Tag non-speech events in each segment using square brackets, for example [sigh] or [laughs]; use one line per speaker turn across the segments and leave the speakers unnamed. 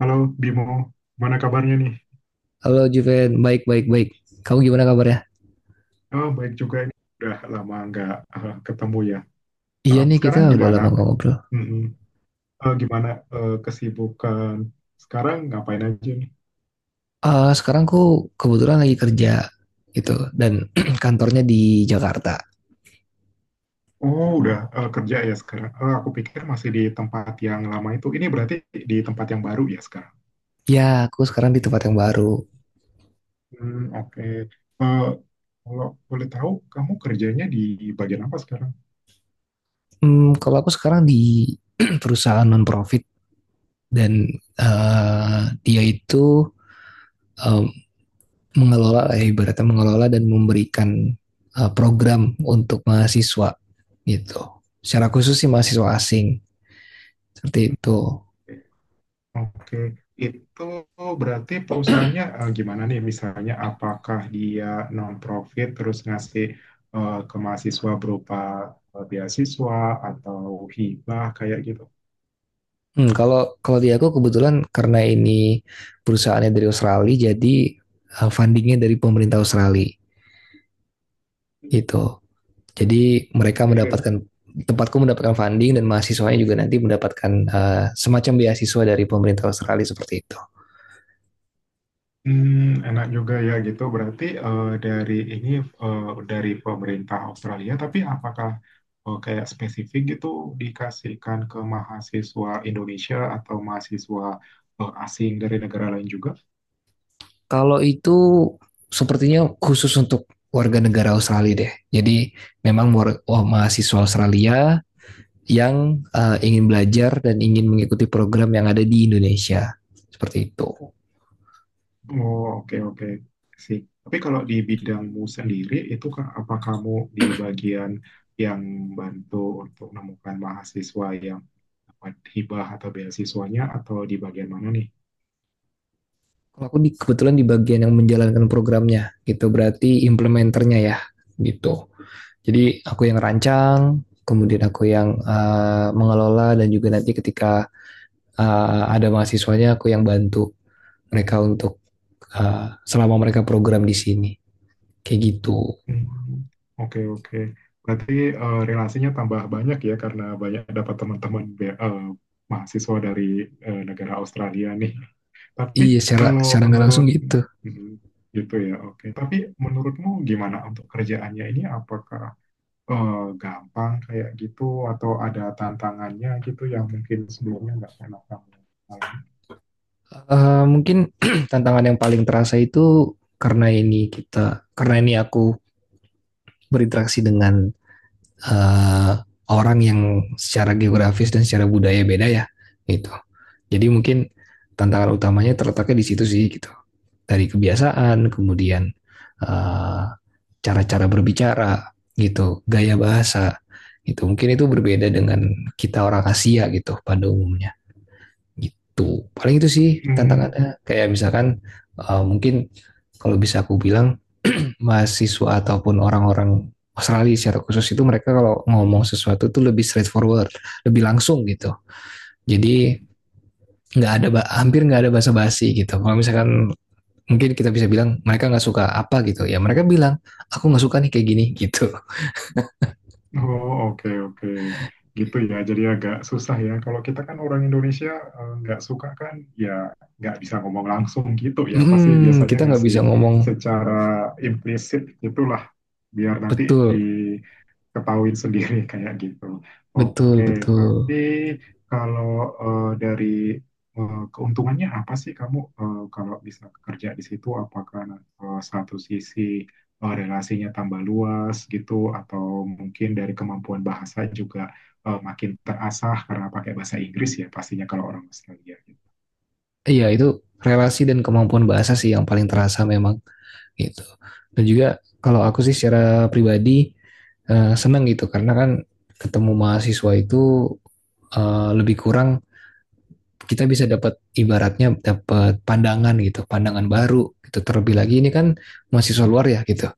Halo Bimo, mana kabarnya nih?
Halo Juven, baik baik baik. Kamu gimana kabarnya?
Oh, baik juga ini. Udah lama nggak ketemu ya.
Iya
Ah,
nih kita
sekarang
udah
gimana?
lama gak ngobrol.
Mm-mm. Gimana kesibukan? Sekarang ngapain aja nih?
Ah sekarang aku kebetulan lagi kerja gitu dan [clears throat] kantornya di Jakarta.
Oh, udah kerja ya sekarang. Aku pikir masih di tempat yang lama itu. Ini berarti di tempat yang baru ya sekarang.
Ya aku sekarang di tempat yang baru.
Hmm, oke. Eh, kalau boleh tahu, kamu kerjanya di bagian apa sekarang?
Kalau aku sekarang di [clears throat] perusahaan non profit dan dia itu eh, mengelola, ibaratnya mengelola dan memberikan program untuk mahasiswa gitu. Secara khusus sih mahasiswa asing seperti itu.
Oke, itu berarti perusahaannya gimana nih? Misalnya, apakah dia non-profit terus ngasih ke mahasiswa berupa beasiswa atau hibah kayak gitu?
Hmm, kalau kalau di aku kebetulan karena ini perusahaannya dari Australia, jadi fundingnya dari pemerintah Australia gitu.
Oke.
Jadi mereka
Jadi dari-
mendapatkan tempatku mendapatkan funding dan mahasiswanya juga nanti mendapatkan semacam beasiswa dari pemerintah Australia seperti itu.
Hmm, enak juga ya gitu. Berarti dari ini eh, dari pemerintah Australia, tapi apakah kayak spesifik gitu dikasihkan ke mahasiswa Indonesia atau mahasiswa asing dari negara lain juga?
Kalau itu sepertinya khusus untuk warga negara Australia deh. Jadi memang mahasiswa Australia yang ingin belajar dan ingin mengikuti program yang ada di Indonesia seperti itu.
Oh, oke, oke. Sih. Tapi kalau di bidangmu sendiri, itu apa kamu di bagian yang bantu untuk menemukan mahasiswa yang dapat hibah atau beasiswanya, atau di bagian mana nih?
Kalau aku kebetulan di bagian yang menjalankan programnya, gitu. Berarti implementernya ya, gitu. Jadi aku yang rancang, kemudian aku yang mengelola dan juga nanti ketika ada mahasiswanya aku yang bantu mereka untuk selama mereka program di sini, kayak gitu.
Hmm, oke, oke. Berarti relasinya tambah banyak ya, karena banyak dapat mahasiswa dari negara Australia nih. Tapi
Iya, secara
kalau
secara nggak langsung
menurut
gitu.
hmm, gitu ya, oke. Tapi menurutmu gimana untuk kerjaannya ini? Apakah eh, gampang kayak gitu atau ada tantangannya gitu yang mungkin sebelumnya nggak pernah kamu alami?
Mungkin [clears throat] tantangan yang paling terasa itu, karena ini aku berinteraksi dengan eh, orang yang secara geografis dan secara budaya beda ya gitu. Jadi mungkin tantangan utamanya terletaknya di situ sih gitu. Dari kebiasaan, kemudian eh, cara-cara berbicara gitu, gaya bahasa gitu. Mungkin itu berbeda dengan kita orang Asia gitu pada umumnya gitu. Paling itu sih
Hmm,
tantangannya. Kayak misalkan mungkin kalau bisa aku bilang [clears throat] mahasiswa ataupun orang-orang Australia secara khusus itu, mereka kalau ngomong sesuatu tuh lebih straightforward, lebih langsung gitu. Jadi
Hmm.
nggak ada hampir nggak ada basa-basi gitu. Kalau misalkan mungkin kita bisa bilang mereka nggak suka apa gitu, ya mereka bilang aku nggak suka nih kayak gini [laughs] gitu.
Oh, oke, oke. Gitu ya, jadi agak susah ya. Kalau kita kan orang Indonesia nggak suka kan, ya nggak bisa ngomong langsung gitu ya. Pasti
Hmm,
biasanya
kita nggak
ngasih
bisa ngomong.
secara implisit gitulah, biar nanti di
Betul,
ketahuin sendiri [laughs] kayak gitu.
betul,
Oke, tapi
betul.
kalau dari keuntungannya apa sih kamu kalau bisa kerja di situ? Apakah satu sisi relasinya tambah luas gitu, atau mungkin dari kemampuan bahasa juga makin terasah karena pakai bahasa Inggris ya pastinya kalau orang Australia.
Iya itu relasi dan kemampuan bahasa sih yang paling terasa memang gitu. Dan juga kalau aku sih secara pribadi senang gitu karena kan ketemu mahasiswa itu lebih kurang kita bisa dapat, ibaratnya dapat pandangan gitu, pandangan baru gitu. Terlebih lagi ini kan mahasiswa luar ya gitu.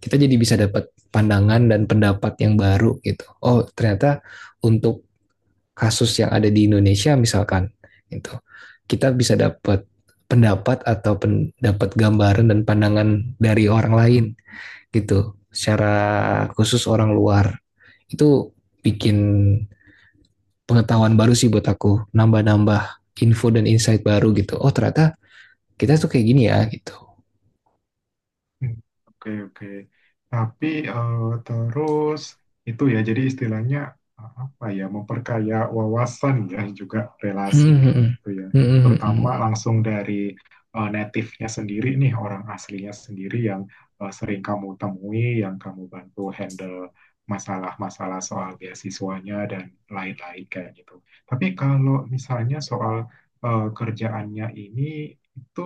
Kita jadi bisa dapat pandangan dan pendapat yang baru gitu. Oh, ternyata untuk kasus yang ada di Indonesia misalkan gitu. Kita bisa dapat pendapat atau pendapat, gambaran dan pandangan dari orang lain gitu, secara khusus orang luar. Itu bikin pengetahuan baru sih buat aku, nambah-nambah info dan insight baru gitu. Oh, ternyata kita tuh kayak gini ya gitu.
Hmm, oke, oke. Tapi terus itu ya, jadi istilahnya apa ya, memperkaya wawasan ya [laughs] juga relasi
Hmm,
kayak
hmm,
gitu ya.
hmm, hmm,
Terutama
hmm.
langsung dari native-nya sendiri nih, orang aslinya sendiri yang sering kamu temui, yang kamu bantu handle masalah-masalah soal beasiswanya dan lain-lain kayak gitu. Tapi kalau misalnya soal kerjaannya ini itu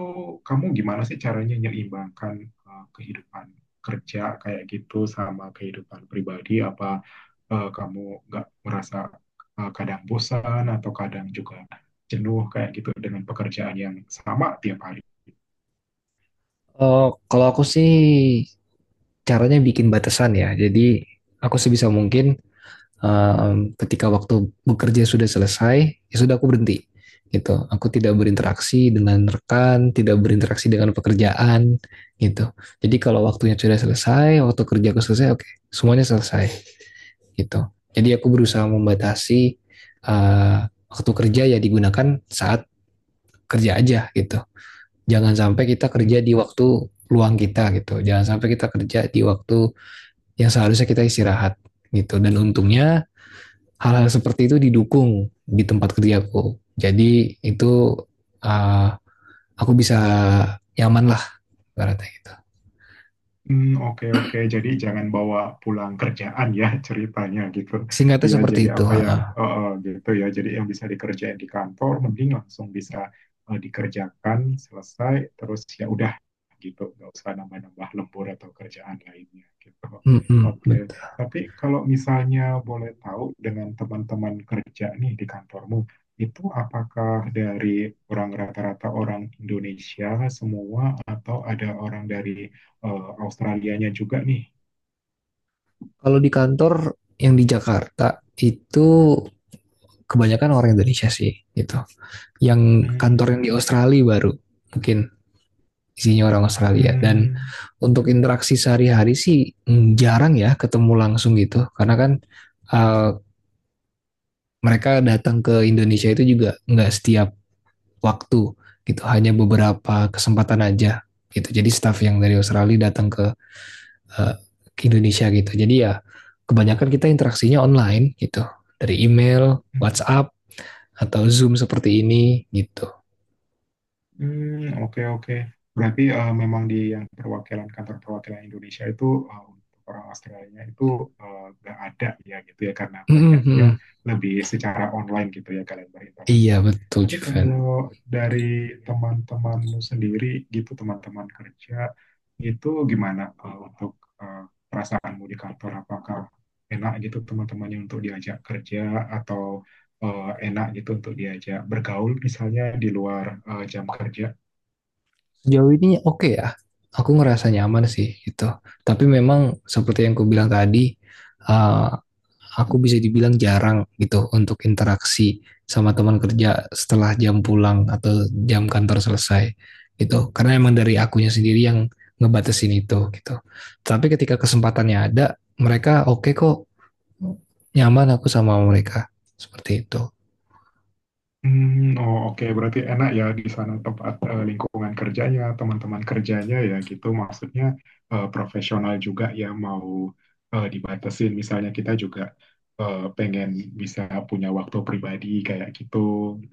kamu gimana sih caranya menyeimbangkan kehidupan kerja kayak gitu sama kehidupan pribadi? Apa kamu nggak merasa kadang bosan atau kadang juga jenuh kayak gitu dengan pekerjaan yang sama tiap hari?
Oh, kalau aku sih caranya bikin batasan ya, jadi aku sebisa mungkin ketika waktu bekerja sudah selesai, ya sudah aku berhenti gitu. Aku tidak berinteraksi dengan rekan, tidak berinteraksi dengan pekerjaan gitu. Jadi kalau waktunya sudah selesai, waktu kerjaku selesai, oke, okay, semuanya selesai gitu. Jadi aku berusaha membatasi waktu kerja ya digunakan saat kerja aja gitu. Jangan sampai kita
Hmm.
kerja di waktu luang kita gitu. Jangan sampai kita kerja di waktu yang seharusnya kita istirahat gitu. Dan untungnya hal-hal seperti itu didukung di tempat kerjaku. Jadi itu uh, aku bisa nyaman lah ibaratnya gitu.
Hmm, oke oke. Jadi jangan bawa pulang kerjaan ya [laughs] ceritanya gitu.
Singkatnya
Iya,
seperti
jadi
itu.
apa ya
Uh,
gitu ya. Jadi yang bisa dikerjain di kantor mending langsung bisa dikerjakan selesai terus ya udah gitu. Gak usah nambah-nambah lembur atau kerjaan lainnya gitu.
mm -mm,
Oke.
betul.
Tapi kalau misalnya boleh tahu dengan teman-teman kerja nih di kantormu itu apakah dari orang rata-rata orang Indonesia semua atau ada orang dari Australianya juga nih.
Kalau di kantor yang di Jakarta itu kebanyakan orang Indonesia sih gitu. Yang
Hmm,
kantor
oke.
yang di
Okay.
Australia baru mungkin isinya orang Australia, dan untuk interaksi sehari-hari sih jarang ya ketemu langsung gitu karena kan uh, mereka datang ke Indonesia itu juga nggak setiap waktu gitu, hanya beberapa kesempatan aja gitu. Jadi staff yang dari Australia datang eh, ke Indonesia gitu, jadi ya kebanyakan kita interaksinya online gitu, dari email,
Hmm.
WhatsApp atau Zoom seperti ini gitu.
Hmm, oke oke. Berarti memang di yang perwakilan kantor perwakilan Indonesia itu untuk orang Australia itu nggak ada ya gitu ya karena
Mm, mm,
banyaknya
mm.
lebih secara online gitu ya kalian
Iya
berinteraksinya.
betul
Tapi
Juven.
kalau dari teman-temanmu sendiri gitu teman-teman kerja itu gimana untuk eh, perasaanmu di kantor apakah enak gitu teman-temannya untuk diajak kerja atau enak gitu untuk diajak bergaul misalnya di luar jam kerja.
Sejauh ini oke ya, aku ngerasa nyaman sih gitu. Tapi memang seperti yang aku bilang tadi, eh, aku bisa dibilang jarang gitu untuk interaksi sama teman kerja setelah jam pulang atau jam kantor selesai gitu. Karena emang dari akunya sendiri yang ngebatasin itu gitu. Tapi ketika kesempatannya ada, mereka oke kok, nyaman aku sama mereka seperti itu.
Hmm, oh oke. Berarti enak ya di sana tempat lingkungan kerjanya, teman-teman kerjanya ya gitu. Maksudnya profesional juga ya mau dibatasin. Misalnya kita juga pengen bisa punya waktu pribadi kayak gitu,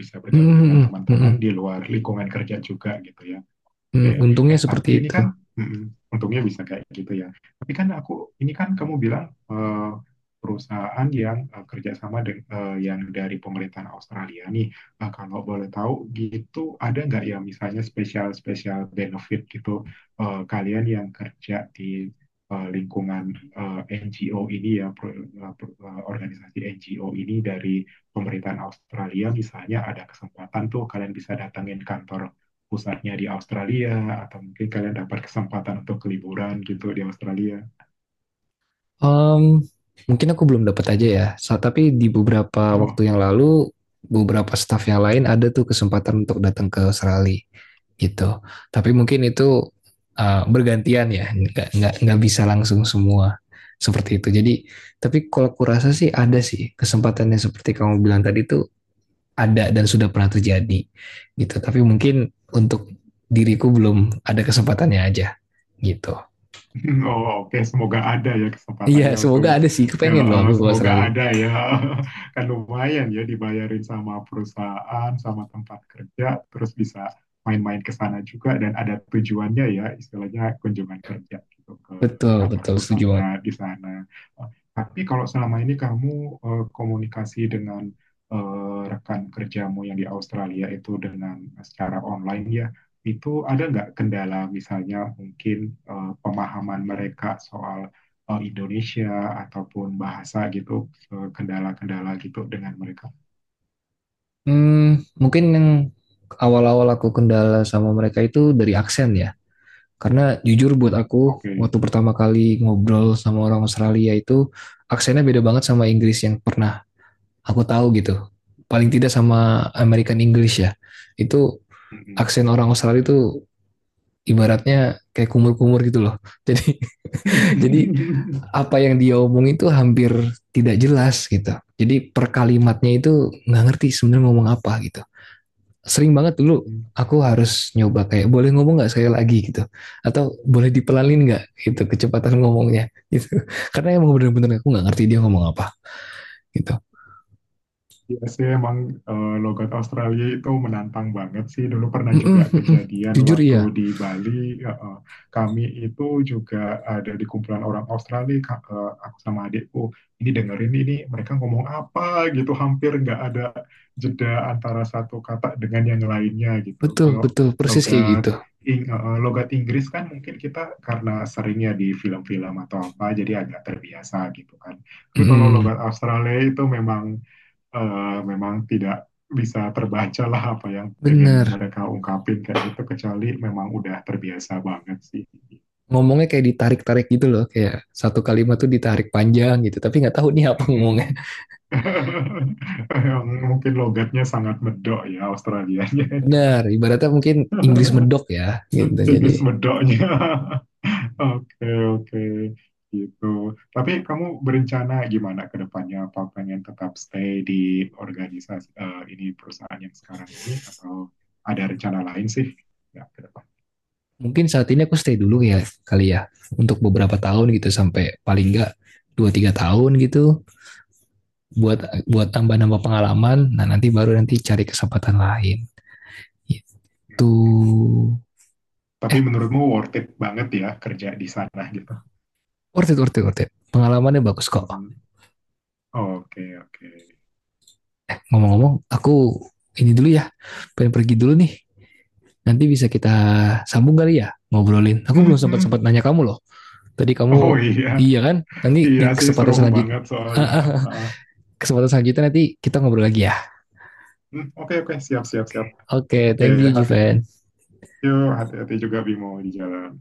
bisa bergaul
Hmm,
dengan
hmm, hmm, hmm,
teman-teman di luar lingkungan kerja juga gitu ya. Oke,
hmm. Untungnya
eh tapi
seperti
ini
itu.
kan mm, untungnya bisa kayak gitu ya. Tapi kan aku ini kan kamu bilang perusahaan yang kerjasama dengan yang dari pemerintahan Australia nih. Kalau boleh tahu gitu ada nggak ya misalnya spesial spesial benefit gitu kalian yang kerja di lingkungan NGO ini ya organisasi NGO ini dari pemerintahan Australia misalnya ada kesempatan tuh kalian bisa datangin kantor pusatnya di Australia atau mungkin kalian dapat kesempatan untuk liburan gitu di Australia.
Mmm, mungkin aku belum dapat aja ya, tapi di beberapa
Oh,
waktu yang lalu, beberapa staff yang lain ada tuh kesempatan untuk datang ke Australia, gitu. Tapi mungkin itu, bergantian ya, nggak bisa langsung semua, seperti itu. Jadi tapi kalau kurasa sih ada sih kesempatannya seperti kamu bilang tadi, itu ada dan sudah pernah terjadi, gitu. Tapi mungkin untuk diriku belum ada kesempatannya aja, gitu.
[laughs] oh, oke, semoga ada ya
Iya,
kesempatannya
semoga
untuk
ada sih,
ya
kepengen loh aku ke
semoga
Australia.
ada ya. [laughs] Kan lumayan ya dibayarin sama perusahaan, sama tempat kerja, terus bisa main-main ke sana juga dan ada tujuannya ya, istilahnya kunjungan kerja gitu ke
Betul,
kantor
betul, setuju banget.
pusatnya di sana. Eh, Tapi kalau selama ini kamu komunikasi dengan rekan kerjamu yang di Australia itu dengan secara online ya, itu ada nggak kendala misalnya mungkin pemahaman mereka soal Indonesia ataupun bahasa gitu, kendala-kendala gitu dengan mereka?
Mungkin yang awal-awal aku kendala sama mereka itu dari aksen ya. Karena jujur buat aku,
Oke.
waktu pertama kali ngobrol sama orang Australia itu, aksennya beda banget sama Inggris yang pernah aku tahu gitu. Paling tidak sama American English ya. Itu
Mm-mm.
aksen orang Australia itu ibaratnya kayak kumur-kumur gitu loh. [laughs] Jadi jadi apa yang dia omong itu hampir tidak jelas gitu. Jadi per kalimatnya itu nggak ngerti sebenarnya ngomong apa gitu. Sering banget dulu
[laughs]
aku harus nyoba kayak, boleh ngomong nggak sekali lagi gitu, atau boleh dipelanin nggak gitu kecepatan ngomongnya gitu. [laughs] Karena emang bener-bener aku nggak ngerti dia ngomong apa gitu.
Iya sih emang logat Australia itu menantang banget sih. Dulu pernah
Mm -mm,
juga
mm -mm.
kejadian
Jujur
waktu
iya,
di Bali, eh, eh, kami itu juga ada di kumpulan orang Australia, aku sama adikku. Ini dengerin ini, mereka ngomong apa gitu, hampir nggak ada jeda antara satu kata dengan yang lainnya gitu.
betul
Kalau
betul persis kayak
logat
gitu.
Logat Inggris kan mungkin kita karena seringnya di film-film atau apa, jadi agak terbiasa gitu kan. Tapi
Mm
kalau
-mm.
logat Australia itu memang memang tidak bisa terbaca lah apa yang ingin
Bener,
mereka ungkapin kayak gitu kecuali memang udah terbiasa banget sih. Oh.
ngomongnya kayak ditarik-tarik gitu loh, kayak satu kalimat tuh ditarik panjang gitu tapi nggak tahu nih apa
Mm-mm.
ngomongnya.
[laughs] Yang mungkin logatnya sangat medok ya Australianya. Itu.
Benar, ibaratnya mungkin Inggris
[laughs]
medok ya gitu, jadi.
Inggris medoknya. [laughs] Oke, oke. Gitu. Tapi kamu berencana gimana ke depannya? Apa pengen tetap stay di organisasi ini perusahaan yang sekarang ini atau ada rencana lain sih? Ya, ke depan.
Mungkin saat ini aku stay dulu ya kali ya, untuk beberapa tahun gitu, sampai paling enggak 2-3 tahun gitu, buat buat tambah-nambah pengalaman, nah nanti baru nanti cari kesempatan lain itu.
Tapi
eh
menurutmu worth it banget ya kerja di sana gitu?
worth it worth it worth it, pengalamannya bagus kok.
Hmm, oke, oke.
Ngomong-ngomong aku ini dulu ya, pengen pergi dulu nih, nanti bisa kita sambung kali ya ngobrolin, aku
Hmm,
belum sempat sempat
hmm.
nanya kamu loh. Tadi
Oh
kamu,
iya,
iya kan, nanti
iya
di
sih
kesempatan
seru
selanjutnya.
banget soalnya.
[laughs]
Ah,
Kesempatan selanjutnya nanti kita ngobrol lagi ya.
hmm, oke, oke, siap, siap, siap.
Oke,
Oke,
thank you
hati.
Jiven.
Yuk, hati-hati juga Bimo di jalan.